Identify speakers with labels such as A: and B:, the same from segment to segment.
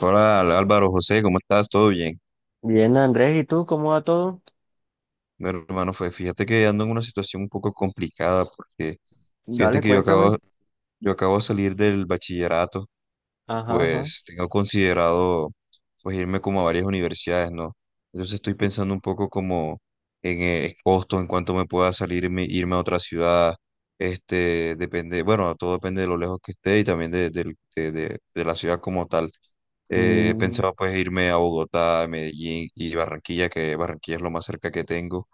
A: Hola Álvaro José, ¿cómo estás? ¿Todo bien?
B: Bien, Andrés, ¿y tú cómo va todo?
A: Mi hermano, fue, fíjate que ando en una situación un poco complicada porque fíjate
B: Dale,
A: que
B: cuéntame.
A: yo acabo de salir del bachillerato y
B: Ajá, ajá.
A: pues tengo considerado pues irme como a varias universidades, ¿no? Entonces estoy pensando un poco como en costos, en cuánto me pueda salirme, irme a otra ciudad, este, depende, bueno, todo depende de lo lejos que esté y también de, del- de la ciudad como tal. He
B: Mm,
A: pensado pues irme a Bogotá, Medellín y Barranquilla, que Barranquilla es lo más cerca que tengo.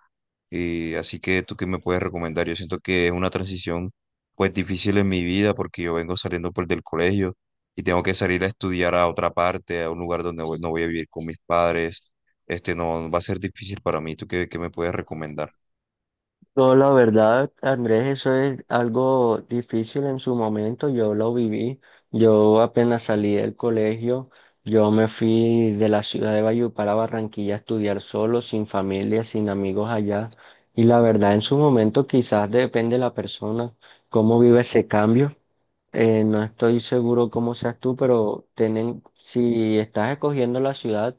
A: ¿Y así que tú qué me puedes recomendar? Yo siento que es una transición pues difícil en mi vida porque yo vengo saliendo pues del colegio y tengo que salir a estudiar a otra parte, a un lugar donde no voy a vivir con mis padres. Este no va a ser difícil para mí. ¿Tú qué me puedes recomendar?
B: yo, la verdad, Andrés, eso es algo difícil en su momento. Yo lo viví. Yo apenas salí del colegio, yo me fui de la ciudad de Valledupar a Barranquilla a estudiar solo, sin familia, sin amigos allá. Y la verdad, en su momento, quizás depende de la persona, cómo vive ese cambio. No estoy seguro cómo seas tú, pero tienen, si estás escogiendo la ciudad,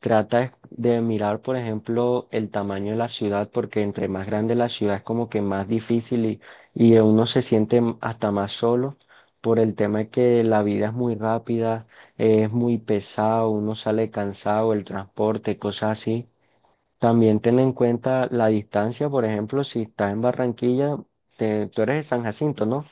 B: trata de mirar, por ejemplo, el tamaño de la ciudad, porque entre más grande la ciudad es como que más difícil y uno se siente hasta más solo por el tema de que la vida es muy rápida, es muy pesado, uno sale cansado, el transporte, cosas así. También ten en cuenta la distancia, por ejemplo, si estás en Barranquilla, tú eres de San Jacinto, ¿no?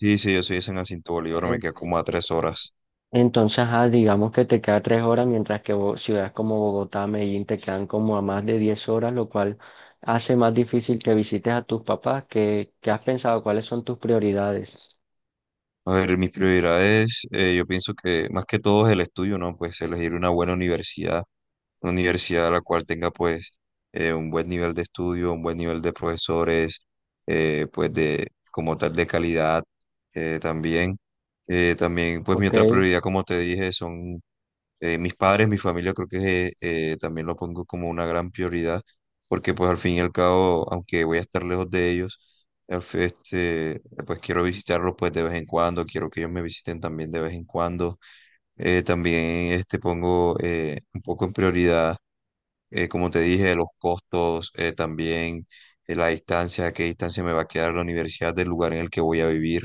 A: Sí, sí, yo soy de San Jacinto Bolívar, me
B: Eh,
A: queda como a 3 horas.
B: Entonces, ajá, digamos que te queda 3 horas, mientras que ciudades como Bogotá, Medellín te quedan como a más de 10 horas, lo cual hace más difícil que visites a tus papás. ¿Qué, qué has pensado? ¿Cuáles son tus prioridades?
A: A ver, mis prioridades, yo pienso que más que todo es el estudio, ¿no? Pues elegir una buena universidad, una universidad a la cual tenga pues un buen nivel de estudio, un buen nivel de profesores, pues de como tal de calidad también. También pues mi
B: Ok.
A: otra prioridad, como te dije, son mis padres, mi familia, creo que también lo pongo como una gran prioridad, porque pues al fin y al cabo, aunque voy a estar lejos de ellos, este, pues quiero visitarlos pues de vez en cuando, quiero que ellos me visiten también de vez en cuando. También este, pongo un poco en prioridad, como te dije, los costos, también la distancia, qué distancia me va a quedar la universidad del lugar en el que voy a vivir.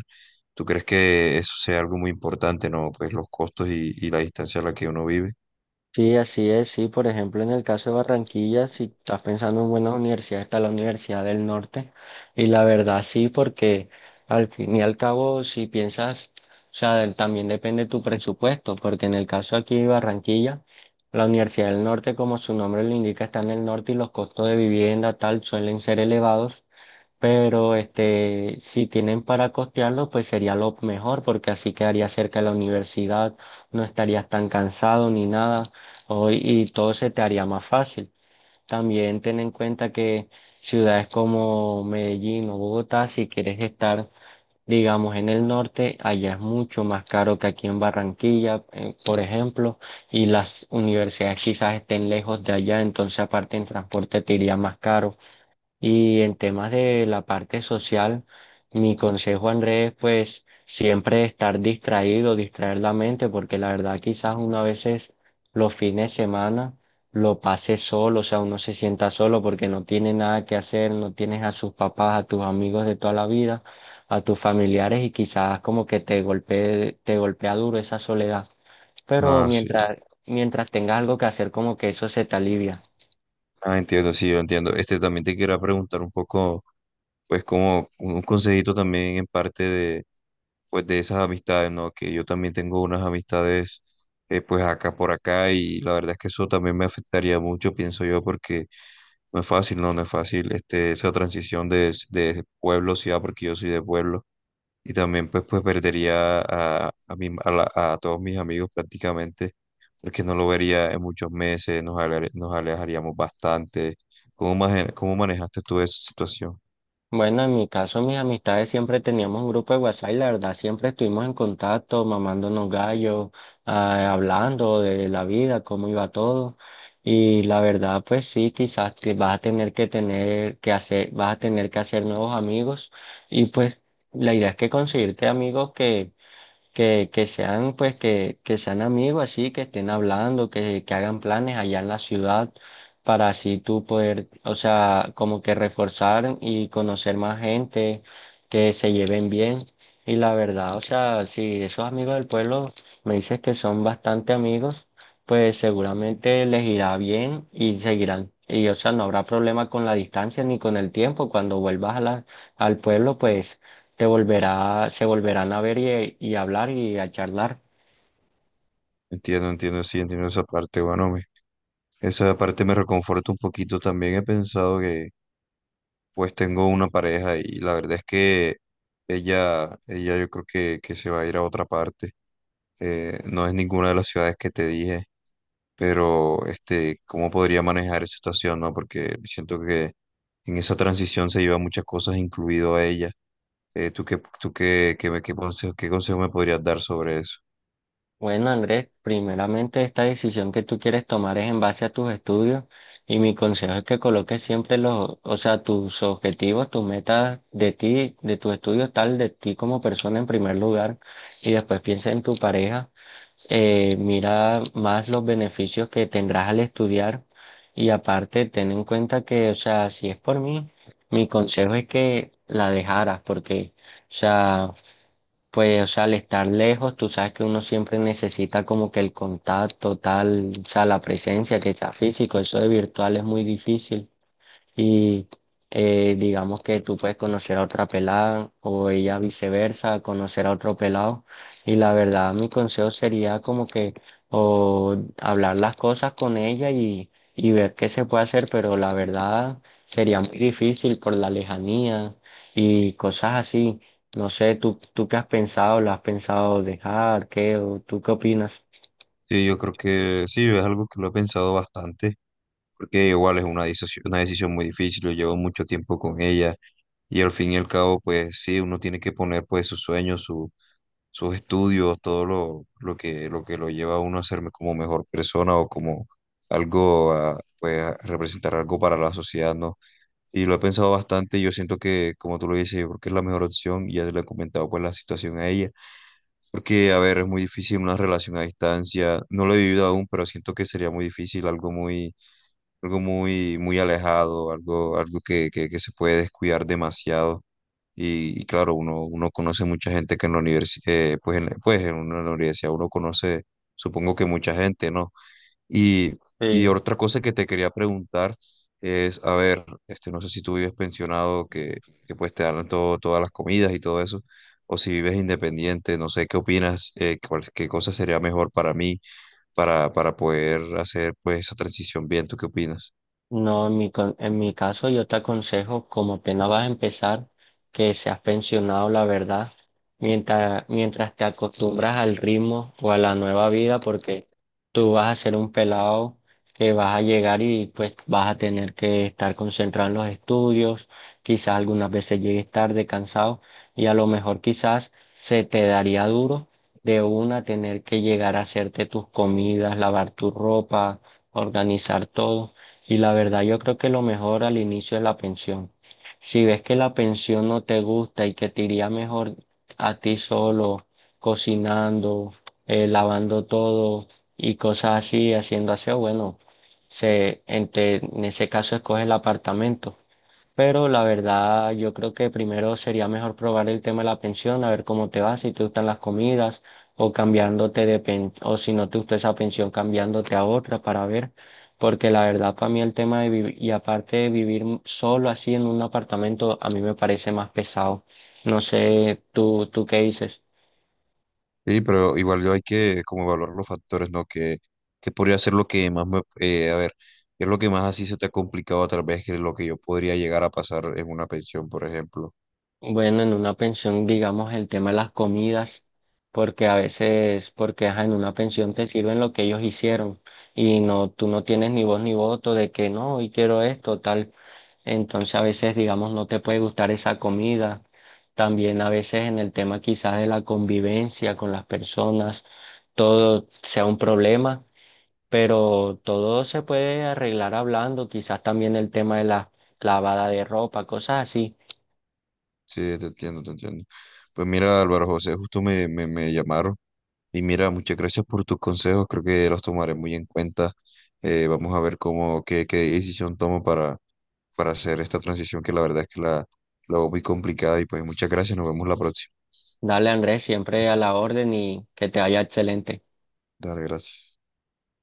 A: ¿Tú crees que eso sea algo muy importante, no? Pues los costos y la distancia a la que uno vive.
B: Sí, así es, sí, por ejemplo, en el caso de Barranquilla, si estás pensando en buenas universidades, está la Universidad del Norte, y la verdad sí, porque al fin y al cabo, si piensas, o sea, también depende tu presupuesto, porque en el caso aquí de Barranquilla, la Universidad del Norte, como su nombre lo indica, está en el norte y los costos de vivienda, tal, suelen ser elevados, pero este, si tienen para costearlo, pues sería lo mejor, porque así quedaría cerca de la universidad, no estarías tan cansado ni nada, y todo se te haría más fácil. También ten en cuenta que ciudades como Medellín o Bogotá, si quieres estar, digamos, en el norte, allá es mucho más caro que aquí en Barranquilla, por ejemplo, y las universidades quizás estén lejos de allá, entonces aparte en transporte te iría más caro. Y en temas de la parte social, mi consejo, Andrés, pues siempre estar distraído, distraer la mente, porque la verdad quizás uno a veces los fines de semana lo pase solo, o sea, uno se sienta solo porque no tiene nada que hacer, no tienes a sus papás, a tus amigos de toda la vida, a tus familiares y quizás como que te golpee, te golpea duro esa soledad. Pero
A: Ah, sí.
B: mientras tengas algo que hacer, como que eso se te alivia.
A: Ah, entiendo, sí, yo entiendo. Este también te quería preguntar un poco, pues como un consejito también en parte de, pues de esas amistades, ¿no? Que yo también tengo unas amistades, pues acá por acá y la verdad es que eso también me afectaría mucho, pienso yo, porque no es fácil, no, no es fácil, este, esa transición de pueblo a ciudad, porque yo soy de pueblo. Y también pues, pues perdería a, mi- a la- a todos mis amigos prácticamente es que no lo vería en muchos meses, nos alejaríamos bastante. ¿Cómo, cómo manejaste tú esa situación?
B: Bueno, en mi caso, mis amistades siempre teníamos un grupo de WhatsApp y la verdad siempre estuvimos en contacto, mamándonos gallos, ah, hablando de la vida, cómo iba todo. Y la verdad, pues sí, quizás te vas a tener que hacer, vas a tener que hacer nuevos amigos. Y pues la idea es que conseguirte amigos que sean, pues, que sean amigos así, que estén hablando, que hagan planes allá en la ciudad para así tú poder, o sea, como que reforzar y conocer más gente, que se lleven bien. Y la verdad, o sea, si esos amigos del pueblo me dices que son bastante amigos, pues seguramente les irá bien y seguirán. Y, o sea, no habrá problema con la distancia ni con el tiempo. Cuando vuelvas a la, al pueblo, pues se volverá, se volverán a ver y hablar y a charlar.
A: Entiendo, entiendo, sí, entiendo esa parte. Bueno, esa parte me reconforta un poquito. También he pensado. Pues tengo una pareja y la verdad es que ella yo creo que se va a ir a otra parte. No es ninguna de las ciudades que te dije, pero este, ¿cómo podría manejar esa situación, no? Porque siento que en esa transición se lleva muchas cosas, incluido a ella. Tú qué, qué, me- qué consejo me podrías dar sobre eso?
B: Bueno, Andrés, primeramente esta decisión que tú quieres tomar es en base a tus estudios y mi consejo es que coloques siempre los, o sea, tus objetivos, tus metas de ti, de tus estudios, tal de ti como persona en primer lugar y después piensa en tu pareja. Mira más los beneficios que tendrás al estudiar y aparte ten en cuenta que, o sea, si es por mí, mi consejo es que la dejaras porque, o sea, pues, o sea, al estar lejos, tú sabes que uno siempre necesita como que el contacto tal, o sea, la presencia que sea físico, eso de virtual es muy difícil. Y digamos que tú puedes conocer a otra pelada o ella viceversa, conocer a otro pelado. Y la verdad, mi consejo sería como que o hablar las cosas con ella y ver qué se puede hacer, pero la verdad sería muy difícil por la lejanía y cosas así. No sé, ¿tú qué has pensado? ¿Lo has pensado dejar? ¿Qué? ¿O tú qué opinas?
A: Sí, yo creo que sí, es algo que lo he pensado bastante, porque igual es una decisión muy difícil, yo llevo mucho tiempo con ella y al fin y al cabo, pues sí, uno tiene que poner pues sus sueños, su, sus estudios, todo lo que lo lleva a uno a ser como mejor persona o como algo, a, pues a representar algo para la sociedad, ¿no? Y lo he pensado bastante, y yo siento que, como tú lo dices, yo creo que es la mejor opción, y ya le he comentado pues la situación a ella, porque, a ver, es muy difícil una relación a distancia, no lo he vivido aún, pero siento que sería muy difícil, algo muy, muy alejado, algo, algo que se puede descuidar demasiado. Y claro, uno conoce mucha gente que en la universidad, pues en una universidad uno conoce, supongo que mucha gente, ¿no? Y, y
B: Sí.
A: otra cosa que te quería preguntar es, a ver, este, no sé si tú vives pensionado, que pues te dan todo, todas las comidas y todo eso, o si vives independiente, no sé qué opinas, qué cosa sería mejor para mí para poder hacer pues esa transición bien, ¿tú qué opinas?
B: No, en mi caso yo te aconsejo, como apenas vas a empezar, que seas pensionado, la verdad, mientras te acostumbras al ritmo o a la nueva vida, porque tú vas a ser un pelado que vas a llegar y pues vas a tener que estar concentrado en los estudios, quizás algunas veces llegues tarde, cansado, y a lo mejor quizás se te daría duro de una tener que llegar a hacerte tus comidas, lavar tu ropa, organizar todo. Y la verdad, yo creo que lo mejor al inicio es la pensión. Si ves que la pensión no te gusta y que te iría mejor a ti solo, cocinando, lavando todo y cosas así, haciendo aseo, bueno, en ese caso escoge el apartamento. Pero la verdad, yo creo que primero sería mejor probar el tema de la pensión, a ver cómo te va, si te gustan las comidas, o si no te gusta esa pensión, cambiándote a otra para ver. Porque la verdad, para mí el tema de vivir, y aparte de vivir solo así en un apartamento, a mí me parece más pesado. No sé, tú qué dices.
A: Sí, pero igual yo hay que como evaluar los factores, ¿no? Que podría ser lo que más me, a ver, ¿qué es lo que más así se te ha complicado a través que lo que yo podría llegar a pasar en una pensión, por ejemplo?
B: Bueno, en una pensión, digamos, el tema de las comidas, porque a veces, porque ajá, en una pensión te sirven lo que ellos hicieron y no, tú no tienes ni voz ni voto de que no, hoy quiero esto, tal. Entonces a veces, digamos, no te puede gustar esa comida. También a veces en el tema quizás de la convivencia con las personas, todo sea un problema, pero todo se puede arreglar hablando, quizás también el tema de la lavada de ropa, cosas así.
A: Sí, te entiendo, te entiendo. Pues mira, Álvaro José, justo me llamaron y mira, muchas gracias por tus consejos, creo que los tomaré muy en cuenta. Vamos a ver cómo, qué decisión tomo para hacer esta transición que la verdad es que la veo muy complicada y pues muchas gracias, nos vemos la próxima.
B: Dale, Andrés, siempre a la orden y que te vaya excelente.
A: Dale, gracias.